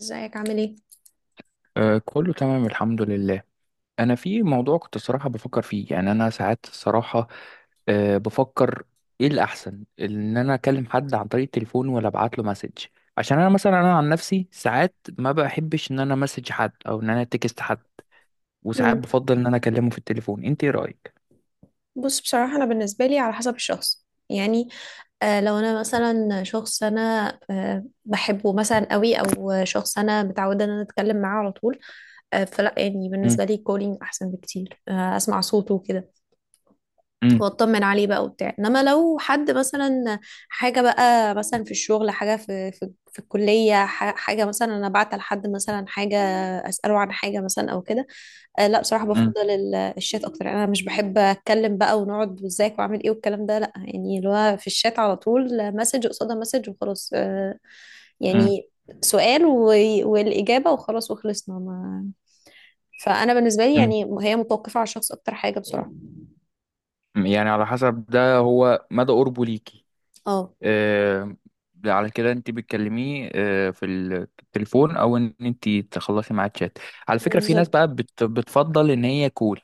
ازيك عامل ايه؟ آه، كله تمام الحمد لله. انا في موضوع كنت صراحة بفكر فيه، يعني انا ساعات الصراحة بفكر ايه الاحسن، ان انا اكلم حد عن طريق التليفون ولا ابعت له مسج؟ عشان انا مثلا، عن نفسي ساعات ما بحبش ان انا مسج حد او ان انا تكست حد، وساعات مم. بفضل ان انا اكلمه في التليفون. انت ايه رايك؟ بص، بصراحة أنا بالنسبة لي على حسب الشخص يعني. لو أنا مثلا شخص أنا بحبه مثلا قوي أو شخص أنا متعودة إن أنا أتكلم معاه على طول. فلا يعني مم، بالنسبة لي كولينج أحسن بكتير، أسمع صوته وكده مم، وأطمن عليه بقى وبتاع. إنما لو حد مثلا حاجة بقى مثلا في الشغل، حاجة في الكلية، حاجة مثلا أنا بعت لحد مثلا حاجة أسأله عن حاجة مثلا أو كده، لا بصراحة مم، بفضل الشات أكتر. أنا مش بحب أتكلم بقى ونقعد وإزيك وعامل إيه والكلام ده، لا يعني اللي هو في الشات على طول مسج قصادها مسج وخلاص. مم، يعني سؤال و... والإجابة وخلاص وخلصنا ما... فأنا بالنسبة لي مم. يعني هي متوقفة على الشخص أكتر حاجة بصراحة. يعني على حسب ده، هو مدى قربه ليكي. اه، آه، على كده انت بتكلميه آه، في التليفون او ان انت تخلصي معاه تشات. على فكره في ناس بالظبط. بقى بتفضل ان هي كول،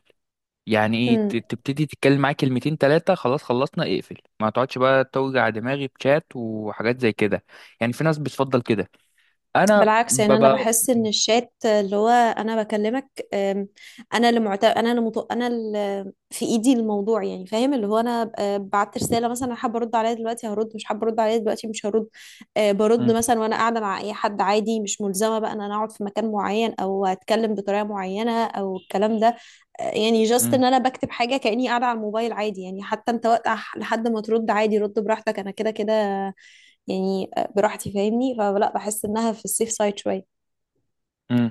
يعني ايه، تبتدي تتكلم معاه كلمتين ثلاثه خلاص، خلصنا اقفل، ما تقعدش بقى توجع دماغي بشات وحاجات زي كده. يعني في ناس بتفضل كده. انا بالعكس، يعني انا ببقى بحس ان الشات اللي هو انا بكلمك أم، انا انا اللي في ايدي الموضوع، يعني فاهم، اللي هو انا بعت رساله مثلا. أنا حابه ارد عليها دلوقتي هرد، مش حابه ارد عليها دلوقتي مش هرد. برد م- مثلا وانا قاعده مع اي حد عادي، مش ملزمه بقى ان انا اقعد في مكان معين او اتكلم بطريقه معينه او الكلام ده. يعني جاست م- ان انا بكتب حاجه كاني قاعده على الموبايل عادي، يعني حتى انت وقت لحد ما ترد عادي رد براحتك، انا كده كده يعني براحتي، فاهمني؟ فلا بحس انها في السيف سايد شويه. م.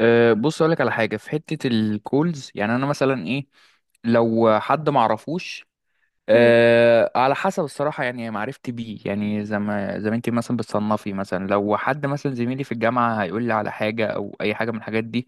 أه بص اقول لك على حاجه في حته الكولز. يعني انا مثلا ايه، لو حد ما اعرفوش، مم. أه على حسب الصراحة يعني معرفتي بيه، يعني زي ما زي ما انت مثلا بتصنفي. مثلا لو حد مثلا زميلي في الجامعة هيقول لي على حاجة أو أي حاجة من الحاجات دي،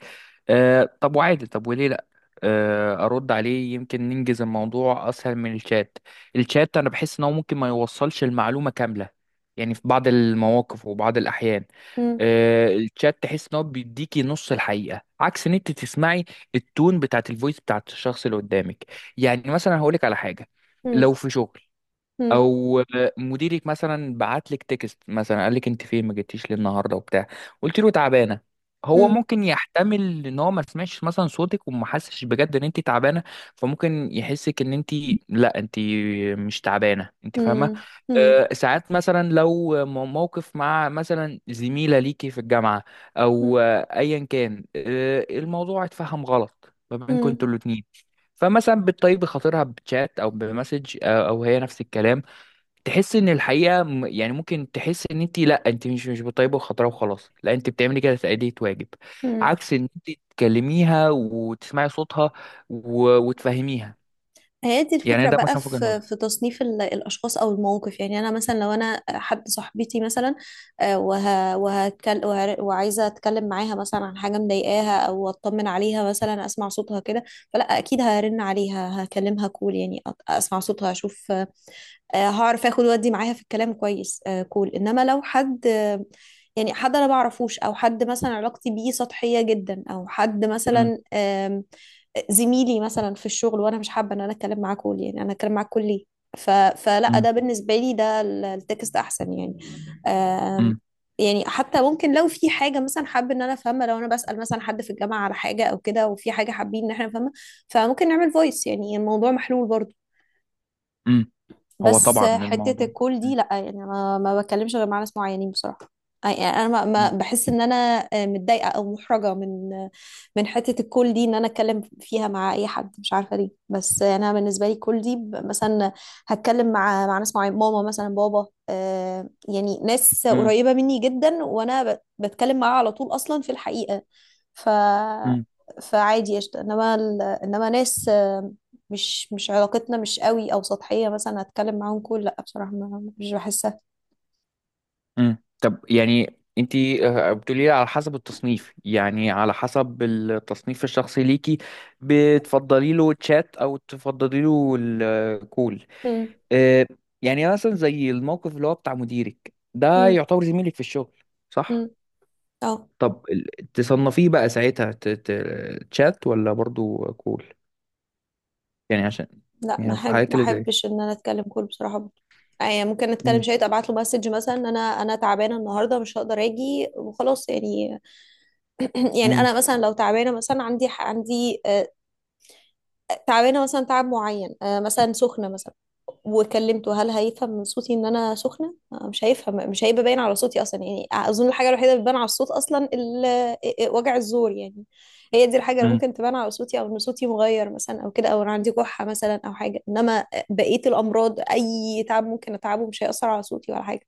أه طب وعادي، طب وليه لأ؟ أه أرد عليه، يمكن ننجز الموضوع أسهل من الشات. الشات أنا بحس إن هو ممكن ما يوصلش المعلومة كاملة، يعني في بعض المواقف وبعض الأحيان. مم. أه الشات تحس إن هو بيديكي نص الحقيقة، عكس إن أنت تسمعي التون بتاعت الفويس بتاعت الشخص اللي قدامك. يعني مثلا هقولك على حاجة، مم. لو في شغل مم. او مديرك مثلا بعت لك تكست مثلا، قال لك انت فين ما جيتيش ليه النهارده وبتاع، قلت له تعبانه. هو مم. ممكن يحتمل ان هو ما سمعش مثلا صوتك وما حسش بجد ان انت تعبانه، فممكن يحسك ان انت لا انت مش تعبانه، انت فاهمه. مم. مم. أه ساعات مثلا لو موقف مع مثلا زميله ليكي في الجامعه مم. او آه، ايا كان، أه الموضوع اتفهم غلط ما بينكم انتوا مم. الاتنين، فمثلا بتطيبي خاطرها بتشات او بمسج آه، او هي نفس الكلام. تحس ان الحقيقه يعني ممكن تحس ان انت، لا انت مش بطيبه وخضراء وخلاص، لا انت بتعملي كده تأدية واجب، مم. عكس ان انت تكلميها وتسمعي صوتها وتفهميها. هي دي يعني الفكرة ده بقى، مثلا في وجهة في نظر. في تصنيف الأشخاص أو المواقف. يعني أنا مثلا لو أنا حد صاحبتي مثلا وعايزة أتكلم معاها مثلا عن حاجة مضايقاها أو أطمن عليها مثلا أسمع صوتها كده، فلا أكيد هرن عليها هكلمها كول، يعني أسمع صوتها أشوف، هعرف اخد وادي معاها في الكلام كويس، كول. انما لو حد حد انا بعرفوش او حد مثلا علاقتي بيه سطحية جدا او حد امم، مثلا زميلي مثلا في الشغل، وانا مش حابة ان انا اتكلم معاه كول، يعني انا اتكلم معاه كول ليه؟ فلا امم، ده بالنسبة لي ده التكست احسن يعني. آم، يعني حتى ممكن لو في حاجة مثلا حابة ان انا افهمها، لو انا بسأل مثلا حد في الجامعة على حاجة او كده وفي حاجة حابين ان احنا نفهمها، فممكن نعمل فويس، يعني الموضوع محلول برضه. امم، هو بس طبعا حتة الموضوع. الكول دي لأ، يعني أنا ما بتكلمش غير مع ناس معينين بصراحة. يعني أنا بحس إن أنا متضايقة أو محرجة من حتة الكول دي، إن أنا أتكلم فيها مع أي حد، مش عارفة ليه. بس أنا بالنسبة لي الكول دي مثلا هتكلم مع ناس معينة، ماما مثلا، بابا، يعني ناس قريبة مني جدا وأنا بتكلم معاها على طول أصلا في الحقيقة. ف امم. فعادي قشطة. انما انما ناس مش علاقتنا مش قوي او سطحية مثلا، هتكلم معاهم كل لا بصراحة ما مش بحسها. مم. طب يعني انت بتقولي لي على حسب التصنيف، يعني على حسب التصنيف الشخصي ليكي بتفضلي له تشات او تفضلي له الكول. مم. اه، يعني مثلا زي الموقف اللي هو بتاع مديرك ده، مم. يعتبر زميلك في الشغل صح؟ مم. اه. طب تصنفيه بقى ساعتها تشات ولا برضو كول؟ يعني عشان، لا، يعني في الحالات ما اللي زي، احبش ان انا اتكلم كل بصراحة برضه، يعني ممكن نتكلم مم. شوية، ابعت له مسج مثلا إن انا تعبانة النهاردة مش هقدر اجي وخلاص يعني. يعني انا مم. مثلا لو تعبانة مثلا، عندي تعبانة مثلا تعب معين، مثلا سخنة مثلا، وكلمته، هل هيفهم من صوتي ان انا سخنه؟ مش هيفهم، مش هيبقى باين على صوتي اصلا يعني. اظن الحاجه الوحيده اللي بتبان على الصوت اصلا وجع الزور يعني. هي دي الحاجه اللي مم. ممكن تبان على صوتي، او ان صوتي مغير مثلا او كده، او انا عندي كحه مثلا او حاجه. انما بقيه الامراض اي تعب ممكن اتعبه مش هيأثر على صوتي ولا حاجه.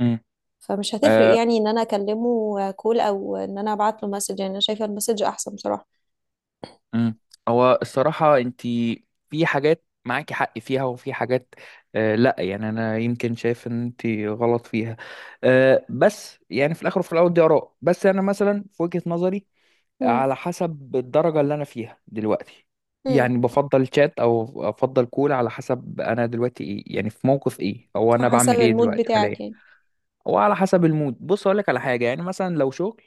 مم. فمش هتفرق آه، يعني ان انا اكلمه كول او ان انا ابعت له مسج، يعني انا شايفه المسج احسن بصراحه. مم. هو الصراحة انت في حاجات معاكي حق فيها، وفي حاجات آه لا، يعني انا يمكن شايف ان انت غلط فيها. آه بس يعني في الاخر وفي الاول دي اراء. بس انا مثلا في وجهة نظري، امم على حسب الدرجة اللي انا فيها دلوقتي، امم يعني بفضل شات او افضل كول على حسب انا دلوقتي ايه، يعني في موقف ايه او انا حسب بعمل ايه المود دلوقتي بتاعك حاليا. يعني. وعلى حسب المود. بص اقول لك على حاجه، يعني مثلا لو شغل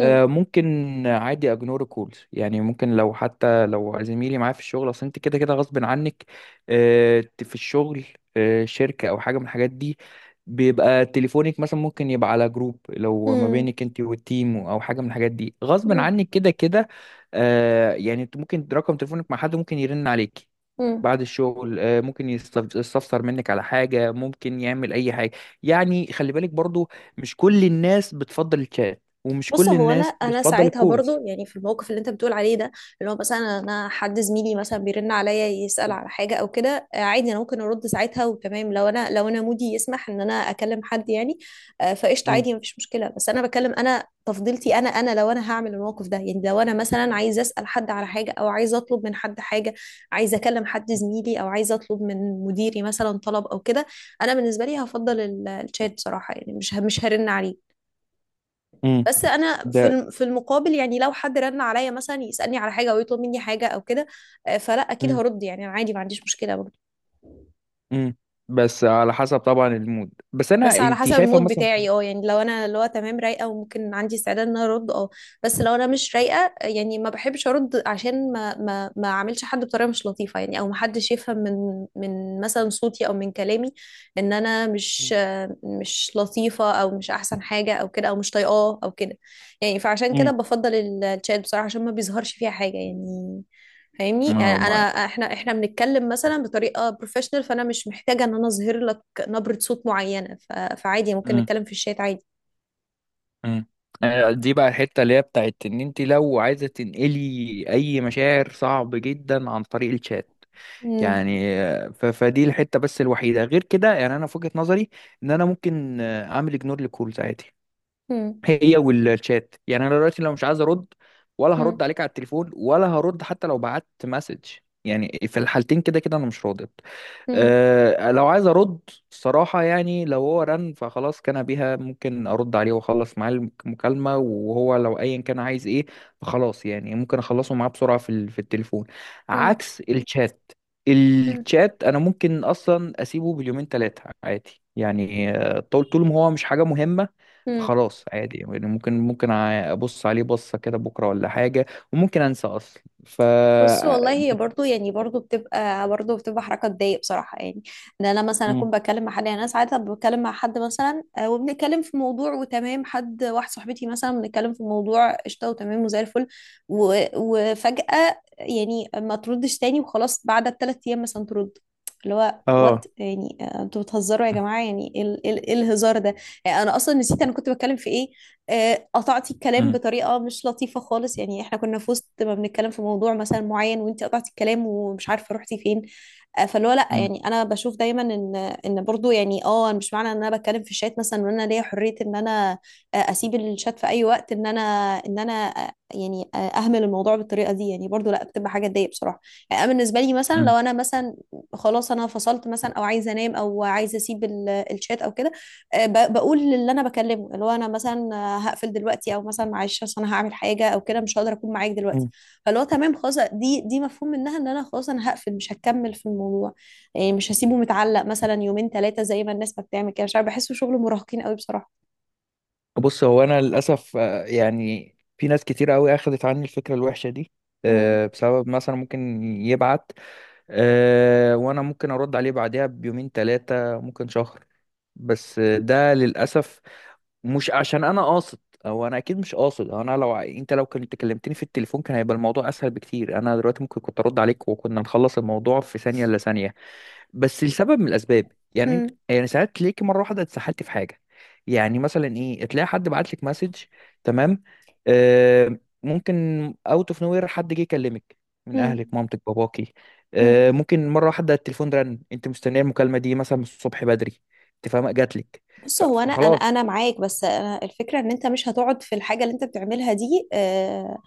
آه، ممكن عادي اجنور الكولز. يعني ممكن لو حتى لو زميلي معايا في الشغل، اصل انت كده كده غصب عنك آه، في الشغل آه، شركه او حاجه من الحاجات دي، بيبقى تليفونك مثلا ممكن يبقى على جروب لو ما امم بينك انت والتيم او حاجه من الحاجات دي، غصب عنك كده كده. آه، يعني انت ممكن رقم تليفونك مع حد ممكن يرن عليك امم بعد الشغل آه، ممكن يستفسر منك على حاجه، ممكن يعمل اي حاجه. يعني خلي بالك برضو، مش كل الناس بتفضل الشات ومش بص، كل هو انا الناس انا بتفضل ساعتها برضو الكولز. يعني في الموقف اللي انت بتقول عليه ده، اللي هو مثلا انا حد زميلي مثلا بيرن عليا يسأل مم. على حاجه او كده، عادي انا ممكن ارد ساعتها وتمام، لو انا مودي يسمح ان انا اكلم حد يعني. فقشطه مم. عادي، مفيش مشكله. بس انا بكلم انا تفضيلتي انا، لو انا هعمل الموقف ده، يعني لو انا مثلا عايزه اسال حد على حاجه او عايزه اطلب من حد حاجه، عايزه اكلم حد زميلي او عايزه اطلب من مديري مثلا طلب او كده، انا بالنسبه لي هفضل الشات بصراحه، يعني مش هرن عليه. مم. بس انا ده. في في المقابل، يعني لو حد رن عليا مثلا يسالني على حاجه او يطلب مني حاجه او كده، فلا اكيد مم. هرد، يعني انا عادي ما عنديش مشكله. مم. بس على حسب طبعا المود. بس انا بس على انت حسب شايفه المود مثلا، بتاعي، اه، يعني لو انا اللي هو تمام رايقه وممكن عندي استعداد ان انا ارد، اه. بس لو انا مش رايقه، يعني ما بحبش ارد عشان ما اعملش حد بطريقه مش لطيفه يعني، او ما حدش يفهم من مثلا صوتي او من كلامي ان انا مم. مش لطيفه او مش احسن حاجه او كده، او مش طايقاه او كده يعني. فعشان كده مم. بفضل الشات بصراحه، عشان ما بيظهرش فيها حاجه يعني، فاهمني؟ يعني ما انا ما- احنا بنتكلم مثلا بطريقه بروفيشنال، فانا مش محتاجه ان انا اظهر لك نبرة صوت معينة. فعادي، ممكن مم. نتكلم في الشات عادي. مم. آه، دي بقى الحته اللي هي بتاعت ان انت لو عايزه تنقلي اي مشاعر، صعب جدا عن طريق الشات. مم. يعني آه، فدي الحته بس الوحيده، غير كده يعني انا في وجهه نظري ان انا ممكن آه، اعمل اجنور لكولز عادي، مم. هي والشات. يعني انا دلوقتي لو مش عايز ارد، ولا مم. هرد عليك على التليفون ولا هرد حتى لو بعت مسج. يعني في الحالتين كده كده انا مش راضي. مم. أه لو عايز ارد الصراحه، يعني لو هو رن فخلاص كان بيها، ممكن ارد عليه واخلص معاه المكالمه، وهو لو ايا كان عايز ايه، فخلاص يعني ممكن اخلصه معاه بسرعه في في التليفون، مم. عكس الشات. مم. الشات انا ممكن اصلا اسيبه باليومين ثلاثه عادي، يعني آه، طول ما هو مش حاجه مهمه، مم. فخلاص عادي. يعني ممكن ابص عليه بصه كده بكره ولا حاجه، وممكن انسى اصلا ف، بص والله، هي بت- برضو يعني برضو بتبقى برضو بتبقى حركة تضايق بصراحة يعني، ان انا مثلا اكون مم. بتكلم مع حد، يعني انا ساعات بتكلم مع حد مثلا وبنتكلم في موضوع وتمام، حد واحد صاحبتي مثلا بنتكلم في موضوع قشطة وتمام وزي الفل، وفجأة يعني ما تردش تاني وخلاص، بعد الثلاث ايام مثلا ترد. اللي هو وات اه، يعني، انتوا بتهزروا يا جماعة؟ يعني ايه إيه الهزار ده؟ يعني انا اصلا نسيت انا كنت بتكلم في ايه. قطعتي الكلام مم. بطريقه مش لطيفه خالص، يعني احنا كنا في وسط ما بنتكلم في موضوع مثلا معين، وانت قطعتي الكلام ومش عارفه رحتي فين. فاللي هو لا يعني، انا بشوف دايما ان برضو يعني اه أنا مش معنى ان انا بتكلم في الشات مثلا، وان انا ليا حريه ان انا اسيب الشات في اي وقت، ان انا ان انا آه، يعني آه، اهمل الموضوع بالطريقه دي. يعني برضو لا، بتبقى حاجه تضايق بصراحه. يعني انا بالنسبه لي مثلا لو مم. انا مثلا خلاص انا فصلت مثلا، او عايزه انام، او عايزه اسيب الشات او كده، بقول للي انا بكلمه اللي هو انا مثلا هقفل دلوقتي، او مثلا معلش اصل انا هعمل حاجه او كده مش هقدر اكون معاك دلوقتي. مم. فاللي هو تمام خلاص، دي مفهوم منها ان انا خلاص انا هقفل مش هكمل في الموضوع، يعني مش هسيبه متعلق مثلا يومين ثلاثه زي ما الناس ما بتعمل كده، مش عارف بحسه شغل مراهقين قوي بصراحه. بص هو انا للاسف آه، يعني في ناس كتير قوي اخذت عني الفكره الوحشه دي امم آه، بسبب مثلا ممكن يبعت آه، وانا ممكن ارد عليه بعدها بيومين ثلاثه، ممكن شهر. بس آه، ده للاسف مش عشان انا قاصد، او انا اكيد مش قاصد. أو انا لو انت لو كنت كلمتني في التليفون كان هيبقى الموضوع اسهل بكتير، انا دلوقتي ممكن كنت ارد عليك وكنا نخلص الموضوع في ثانيه الا ثانيه. بس لسبب من الاسباب، يعني امم يعني ساعات تلاقيكي مره واحده اتسحلتي في حاجه. يعني مسلا ايه، تلاقي حد بعت لك مسج، تمام، آه ممكن اوت اوف نوير حد جه يكلمك، من اهلك مامتك باباكي، امم آه ممكن مره واحده التليفون رن، انت مستنيه المكالمه دي مثلا من الصبح بدري، انت فاهمه جات لك، بص، هو انا انا فخلاص. انا معاك، بس أنا الفكره ان انت مش هتقعد في الحاجه اللي انت بتعملها دي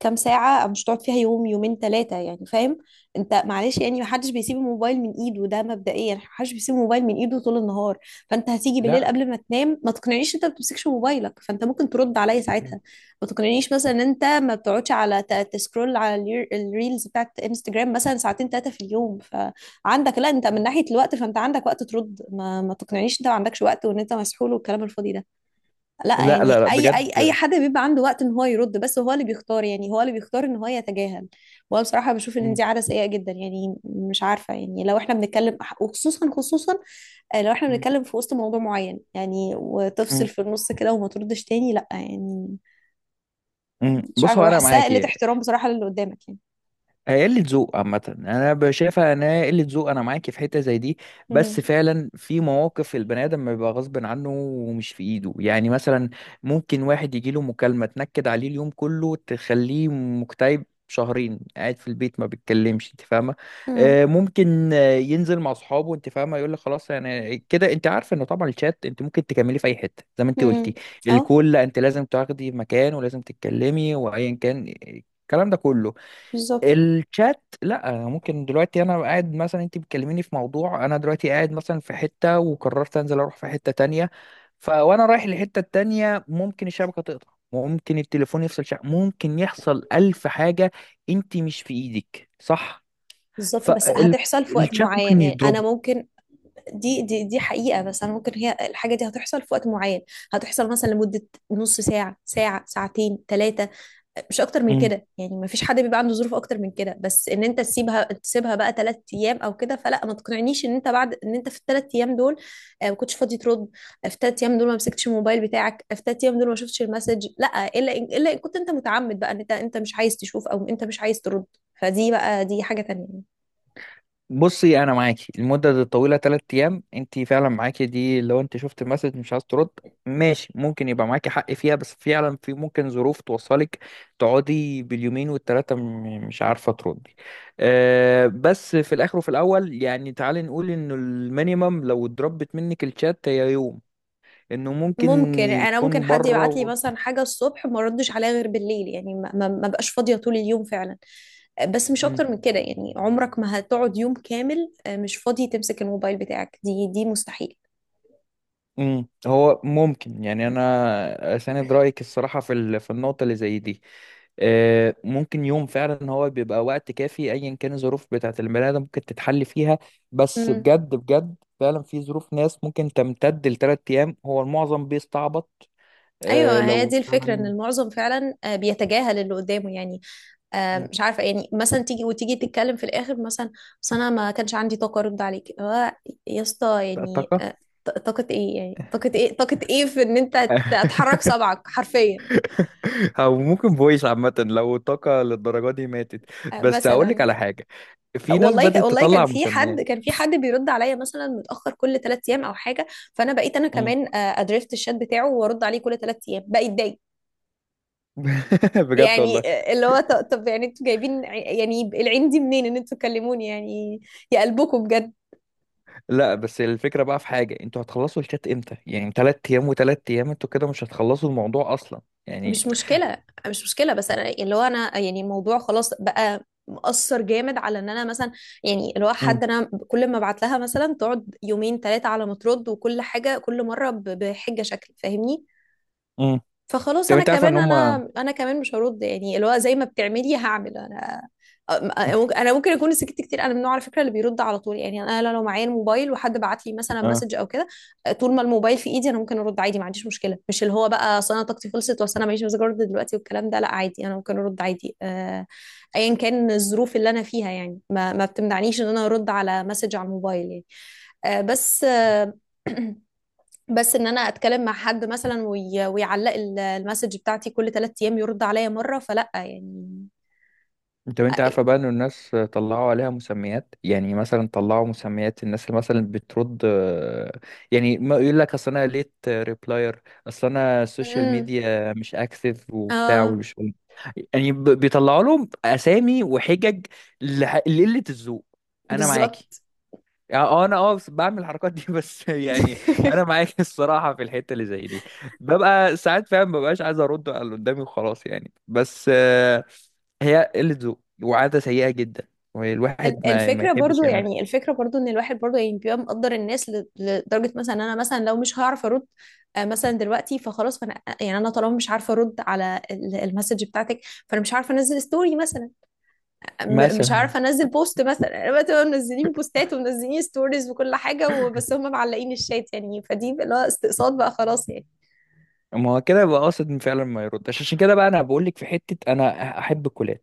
كام ساعه، أو مش هتقعد فيها يوم يومين ثلاثه يعني، فاهم؟ انت معلش يعني محدش بيسيب الموبايل من ايده، ده مبدئيا محدش بيسيب الموبايل من ايده طول النهار. فانت هتيجي بالليل لا، قبل ما تنام، ما تقنعنيش انت ما بتمسكش موبايلك، فانت ممكن ترد عليا م- ساعتها. ما تقنعنيش مثلا ان انت ما بتقعدش على تسكرول على الريلز بتاعت انستجرام مثلا ساعتين ثلاثه في اليوم. عندك، لا انت من م. ناحية الوقت فانت عندك وقت ترد، ما تقنعنيش انت ما عندكش وقت وان انت مسحول والكلام الفاضي ده. لا لا يعني، لا لا اي بجد، حد بيبقى عنده وقت ان هو يرد، بس هو اللي بيختار، يعني هو اللي بيختار ان هو يتجاهل. وانا بصراحة بشوف ان م- دي عادة سيئة جدا، يعني مش عارفة، يعني لو احنا بنتكلم وخصوصا خصوصا آه، لو احنا م- بنتكلم في وسط موضوع معين يعني، وتفصل م- في النص كده وما تردش تاني، لا يعني م. مش بص عارفة هو انا بحسها قلة معاكي، احترام بصراحة للي قدامك يعني. هي قلة ذوق عامة. أنا شايفها إن هي قلة ذوق، أنا معاكي في حتة زي دي. بس مم. فعلا في مواقف البني آدم بيبقى غصب عنه ومش في إيده، يعني مثلا ممكن واحد يجيله مكالمة تنكد عليه اليوم كله، تخليه مكتئب شهرين قاعد في البيت ما بيتكلمش، انت فاهمه. امم آه، ممكن آه، ينزل مع اصحابه، انت فاهمه، يقول لك خلاص يعني كده. انت عارفه انه طبعا الشات انت ممكن تكملي في اي حته زي ما انت امم قلتي. اه، الكل، لا انت لازم تاخدي مكان ولازم تتكلمي وايا كان الكلام ده كله. بالظبط. الشات لا، ممكن دلوقتي انا قاعد مثلا، انت بتكلميني في موضوع، انا دلوقتي قاعد مثلا في حتة وقررت انزل اروح في حتة تانية، فوانا رايح للحتة التانية ممكن الشبكة تقطع، ممكن التليفون يفصل شبكة، ممكن يحصل الف حاجة، انت مش في ايدك صح؟ بالظبط بس هتحصل في وقت فالشات ممكن معين يعني، انا يضرب. ممكن دي حقيقة، بس انا ممكن هي الحاجة دي هتحصل في وقت معين، هتحصل مثلا لمدة نص ساعة ساعة ساعتين ثلاثة، مش اكتر من كده يعني، ما فيش حد بيبقى عنده ظروف اكتر من كده. بس ان انت تسيبها بقى ثلاث ايام او كده فلا. ما تقنعنيش ان انت بعد ان انت في الثلاث ايام دول ما كنتش فاضي ترد، في الثلاث ايام دول ما مسكتش الموبايل بتاعك، في الثلاث ايام دول ما شفتش المسج، لا. الا الا ان كنت انت متعمد بقى ان انت مش عايز تشوف او انت مش عايز ترد، فدي بقى دي حاجة تانية. بصي انا معاكي المده دي الطويله 3 ايام، انت فعلا معاكي دي لو انت شفت المسج مش عايز ترد، ماشي ممكن يبقى معاكي حق فيها. بس فعلا في ممكن ظروف توصلك تقعدي باليومين والتلاته مش عارفه تردي. أه بس في الاخر وفي الاول، يعني تعالي نقول انه المينيمم لو اتضربت منك الشات هي يوم، انه ممكن ممكن انا ممكن يكون حد بره يبعت لي مثلا حاجه الصبح ما ردش عليها غير بالليل، يعني ما بقاش فاضيه طول اليوم فعلا، بس مش اكتر من كده يعني. عمرك ما هتقعد يوم كامل مش فاضي تمسك الموبايل بتاعك، دي مستحيل. امم. هو ممكن، يعني انا اساند رايك الصراحه في في النقطه اللي زي دي. آه، ممكن يوم فعلا هو بيبقى وقت كافي ايا كان الظروف بتاعه البني ادم ممكن تتحل فيها. بس امم. بجد بجد فعلا في ظروف ناس ممكن تمتد لثلاث ايام، هو المعظم بيستعبط. آه، ايوه، هي لو دي الفكره، ان فعلا، المعظم فعلا بيتجاهل اللي قدامه يعني، مم. مش عارفه. يعني مثلا تيجي تتكلم في الاخر مثلا، بس انا ما كانش عندي طاقه ارد عليك يا اسطى يعني. طاقه؟ طاقه ايه يعني؟ طاقه ايه في ان انت هتحرك صبعك حرفيا او ممكن فويس عامه لو الطاقه للدرجه دي ماتت. بس مثلا هقول لك على يعني؟ حاجه، في ناس بدأت والله كان تطلع في حد، مسميات. كان في حد بيرد عليا مثلا متاخر كل ثلاث ايام او حاجه، فانا بقيت انا كمان ادريفت الشات بتاعه وارد عليه كل ثلاث ايام، بقيت ضايق بجد يعني. والله. اللي هو طب يعني انتوا جايبين يعني العين دي منين ان انتوا تكلموني يعني؟ يا قلبكم بجد. لا بس الفكرة بقى في حاجة، انتوا هتخلصوا الشات امتى؟ يعني تلات ايام وتلات ايام، انتوا كده مش هتخلصوا الموضوع اصلا يعني. مش مشكله، بس انا اللي هو انا يعني الموضوع خلاص بقى مأثر جامد على ان انا مثلا، يعني اللي هو امم، حد انا كل ما ابعت لها مثلا تقعد يومين ثلاثه على ما ترد، وكل حاجه كل مره بحجه شكل، فاهمني؟ امم، فخلاص طب انا انت عارفة ان كمان، هم، مش هرد، يعني اللي هو زي ما بتعملي هعمل انا. انا ممكن اكون سكت كتير، انا من النوع على فكره اللي بيرد على طول، يعني انا لو معايا الموبايل وحد بعت لي مثلا اه. مسج او كده، طول ما الموبايل في ايدي انا ممكن ارد عادي، ما عنديش مشكله. مش اللي هو بقى اصل انا طاقتي خلصت، واصل انا ماليش مزاج ارد دلوقتي والكلام ده. لا، عادي انا ممكن ارد عادي، ايا كان الظروف اللي انا فيها، يعني ما بتمنعنيش ان انا ارد على مسج على الموبايل يعني. آه، بس آه، بس ان انا اتكلم مع حد مثلا ويعلق المسج بتاعتي كل ثلاث ايام يرد عليا مره، فلا يعني. طب انت عارفة بقى ان الناس طلعوا عليها مسميات؟ يعني مثلا طلعوا مسميات الناس اللي مثلا بترد آه، يعني ما يقول لك اصل انا ليت ريبلاير، اصل انا السوشيال امم. ميديا مش اكتف وبتاع اه، ومش، يعني بيطلعوا لهم اسامي وحجج لقلة الذوق. انا معاكي، بالظبط. يعني اه انا اه بعمل الحركات دي بس يعني. انا معاك الصراحه في الحته اللي زي دي، ببقى ساعات فعلا مببقاش عايز ارد على اللي قدامي وخلاص، يعني بس آه، هي قله ذوق وعاده سيئه جدا، والواحد ما الفكره يحبش برضو، يعملها، ان الواحد برضو يعني بيبقى مقدر الناس لدرجه مثلا إن انا مثلا لو مش هعرف ارد مثلا دلوقتي فخلاص، فانا يعني انا طالما مش عارفه ارد على المسج بتاعتك، فانا مش عارفه انزل ستوري مثلا، مش مثلا. عارفه انزل بوست مثلا. انا بقى تبقى منزلين بوستات ومنزلين ستوريز وكل حاجه وبس هم معلقين الشات، يعني فدي بقى اللي هو استقصاد بقى خلاص يعني. ما هو كده يبقى قاصد فعلا ما يردش، عشان كده بقى انا بقول لك في حته انا احب الكلاب،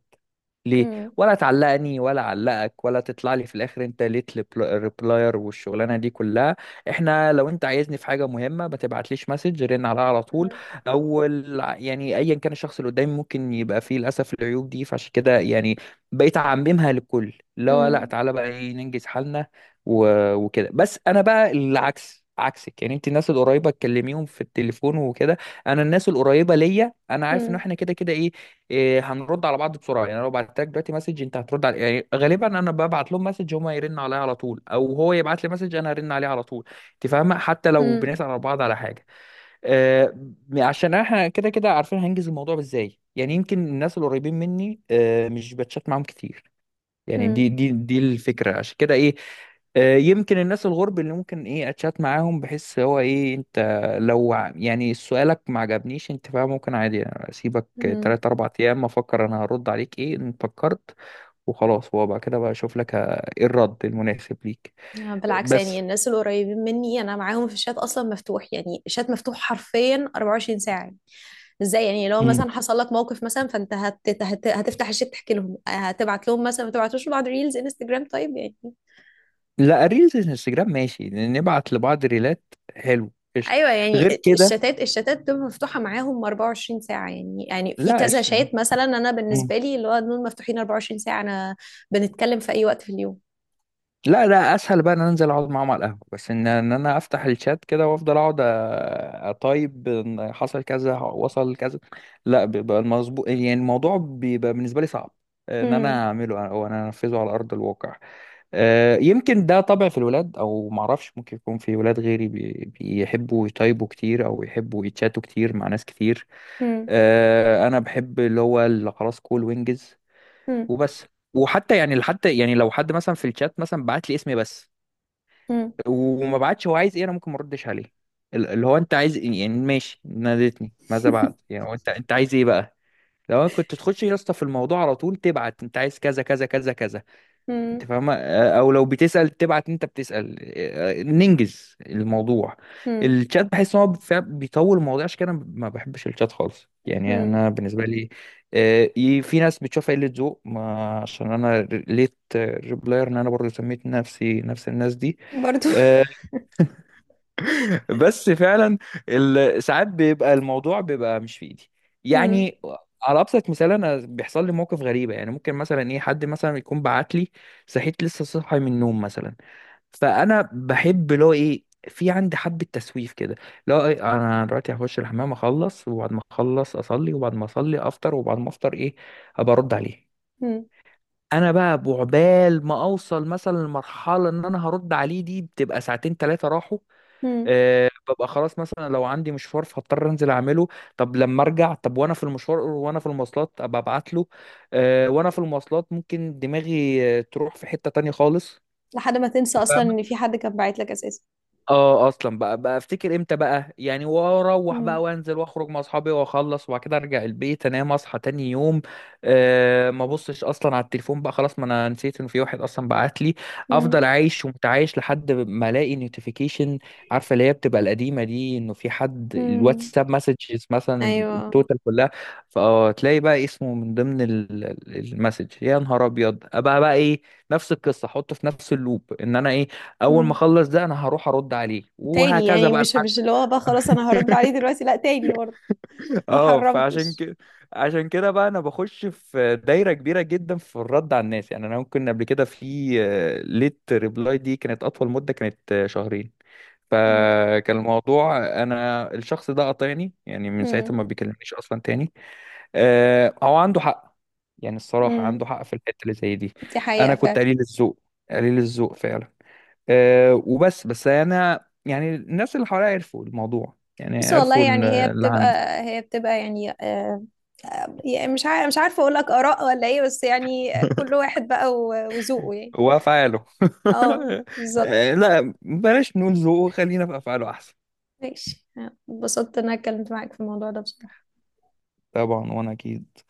ليه؟ مم. ولا تعلقني ولا علقك، ولا تطلع لي في الاخر انت ليت ريبلاير والشغلانه دي كلها. احنا لو انت عايزني في حاجه مهمه ما تبعتليش مسج، رن عليها على طول، او يعني ايا كان الشخص اللي قدامي ممكن يبقى فيه للاسف العيوب دي، فعشان كده يعني بقيت اعممها للكل. لا لا، مم. تعالى بقى ايه ننجز حالنا، وكده بس. انا بقى العكس عكسك، يعني انت الناس القريبه تكلميهم في التليفون وكده، انا الناس القريبه ليا انا عارف ان مم. احنا كده كده ايه, إيه هنرد على بعض بسرعه. يعني أنا لو بعت لك دلوقتي مسج انت هترد على، يعني غالبا انا ببعت لهم مسج هما يرن عليا على طول، او هو يبعت لي مسج انا هرن عليه على طول، انت فاهمه، حتى لو مم. بنسال على بعض على حاجه، آه، عشان احنا كده كده عارفين هنجز الموضوع ازاي. يعني يمكن الناس القريبين مني آه مش بتشات معاهم كتير، يعني مم. دي دي الفكرة عشان كده ايه. آه، يمكن الناس الغرب اللي ممكن ايه اتشات معاهم، بحس هو ايه، انت لو يعني سؤالك ما عجبنيش انت بقى، ممكن عادي يعني اسيبك مم. تلات اربع ايام افكر انا هرد عليك ايه ان فكرت، وخلاص هو بقى كده، بقى اشوف لك ايه الرد المناسب ليك. بالعكس، يعني بس الناس القريبين مني انا معاهم في الشات اصلا مفتوح، يعني الشات مفتوح حرفيا 24 ساعه يعني. ازاي يعني؟ لو مم. مثلا حصل لك موقف مثلا فانت هتفتح الشات تحكي لهم، هتبعت لهم مثلا، ما تبعتوش لبعض ريلز انستجرام طيب يعني؟ لا، الريلز الانستجرام ماشي، نبعت لبعض ريلات. حلو، قشطة. ايوه يعني، غير كده؟ الشتات بتبقى مفتوحه معاهم 24 ساعه يعني، يعني في لا، كذا قشطة. شات مثلا انا بالنسبه لي اللي هو دول مفتوحين 24 ساعه، انا بنتكلم في اي وقت في اليوم. لا، لا، اسهل بقى ان انا انزل اقعد معاهم على القهوه، بس ان انا افتح الشات كده وافضل اقعد اطيب إن حصل كذا وصل كذا. لا، بيبقى المظبوط، يعني الموضوع بيبقى بالنسبه لي صعب ان هم. انا اعمله او انا انفذه على ارض الواقع. يمكن ده طبع في الولاد او معرفش، ممكن يكون في ولاد غيري بيحبوا يطيبوا كتير او يحبوا يتشاتوا كتير مع ناس كتير. هم. انا بحب اللي هو اللي خلاص كول وينجز هم. وبس. وحتى يعني حتى يعني لو حد مثلا في الشات مثلا بعت لي اسمي بس هم. وما بعتش هو عايز ايه، انا ممكن ما اردش عليه. اللي هو انت عايز ايه يعني؟ ماشي، نادتني ماذا بعد؟ يعني هو انت عايز ايه بقى؟ لو انا كنت تخش يا اسطى في الموضوع على طول، تبعت انت عايز كذا كذا كذا كذا، انت هم. فاهمه؟ او لو بتسأل تبعت انت بتسأل، ننجز الموضوع. هم. الشات بحس ان هو فعلا بيطول الموضوع، عشان كده انا ما بحبش الشات خالص، يعني هم. انا بالنسبه لي في ناس بتشوفها قله ذوق، عشان انا ليت ريبلاير، ان انا برضه سميت نفسي نفس الناس دي. برضو. آه، بس فعلا ساعات بيبقى الموضوع بيبقى مش في ايدي هم. يعني. على ابسط مثال، انا بيحصل لي موقف غريبه يعني، ممكن مثلا ايه حد مثلا يكون بعت لي، صحيت لسه صاحي من النوم مثلا، فانا بحب اللي هو ايه، في عندي حبه تسويف كده. لا إيه، انا دلوقتي هخش الحمام اخلص، وبعد ما اخلص اصلي، وبعد ما اصلي افطر، وبعد ما افطر ايه، ابقى ارد عليه. هم. انا بقى بعبال ما اوصل مثلا لمرحله ان انا هرد عليه، دي بتبقى ساعتين ثلاثه راحوا. هم. أه، ببقى خلاص مثلا، لو عندي مشوار فهضطر انزل اعمله، طب لما ارجع، طب وانا في المشوار وانا في المواصلات ابقى ابعت له. أه وانا في المواصلات ممكن دماغي تروح في حتة تانية خالص. لحد ما تنسى اصلا ان في حد كان باعت لك اساسا. اه اصلا بقى افتكر امتى بقى يعني، واروح بقى هم. وانزل واخرج مع اصحابي واخلص، وبعد كده ارجع البيت انام اصحى تاني يوم. أه، ما ابصش اصلا على التليفون بقى، خلاص، ما انا نسيت ان في واحد اصلا بعت لي. افضل هم. عايش ومتعايش لحد ما الاقي نوتيفيكيشن، عارفه اللي هي بتبقى القديمه دي، انه في حد هم. الواتساب مسجز مثلا ايوه. التوتال كلها. فتلاقي بقى اسمه من ضمن المسج، يا نهار ابيض، ابقى بقى ايه، نفس القصه، احطه في نفس اللوب، ان انا ايه، اول ما هم. اخلص ده انا هروح ارد عليه، تاني؟ وهكذا يعني بقى مش لحد مش اللي هو بقى خلاص انا هرد عليه دلوقتي، لا تاني برضه؟ ما اه، فعشان حرمتش. كده، عشان كده بقى انا بخش في دايره كبيره جدا في الرد على الناس. يعني انا ممكن قبل كده في ليت ريبلاي دي كانت اطول مده، كانت شهرين، هم. فكان الموضوع، انا الشخص ده قاطعني، يعني من ساعتها هم. ما بيكلمنيش اصلا تاني. هو عنده حق، يعني الصراحه هم. عنده حق في الحته اللي زي دي. دي حقيقه انا كنت فعلا. قليل الذوق، قليل الذوق فعلا. أه، وبس، بس انا يعني الناس اللي حواليا عرفوا الموضوع، يعني بس والله عرفوا إن يعني هي اللي عندي بتبقى هي بتبقى يعني يعني مش عارف، مش عارفه اقول لك اراء ولا ايه، بس يعني كل واحد بقى وذوقه يعني. هو افعاله. اه، بالظبط. أه، لا، بلاش نقول ذوقه، خلينا في افعاله احسن. ماشي. اتبسطت ان انا اتكلمت معاك في الموضوع ده بصراحة. طبعا، وانا اكيد.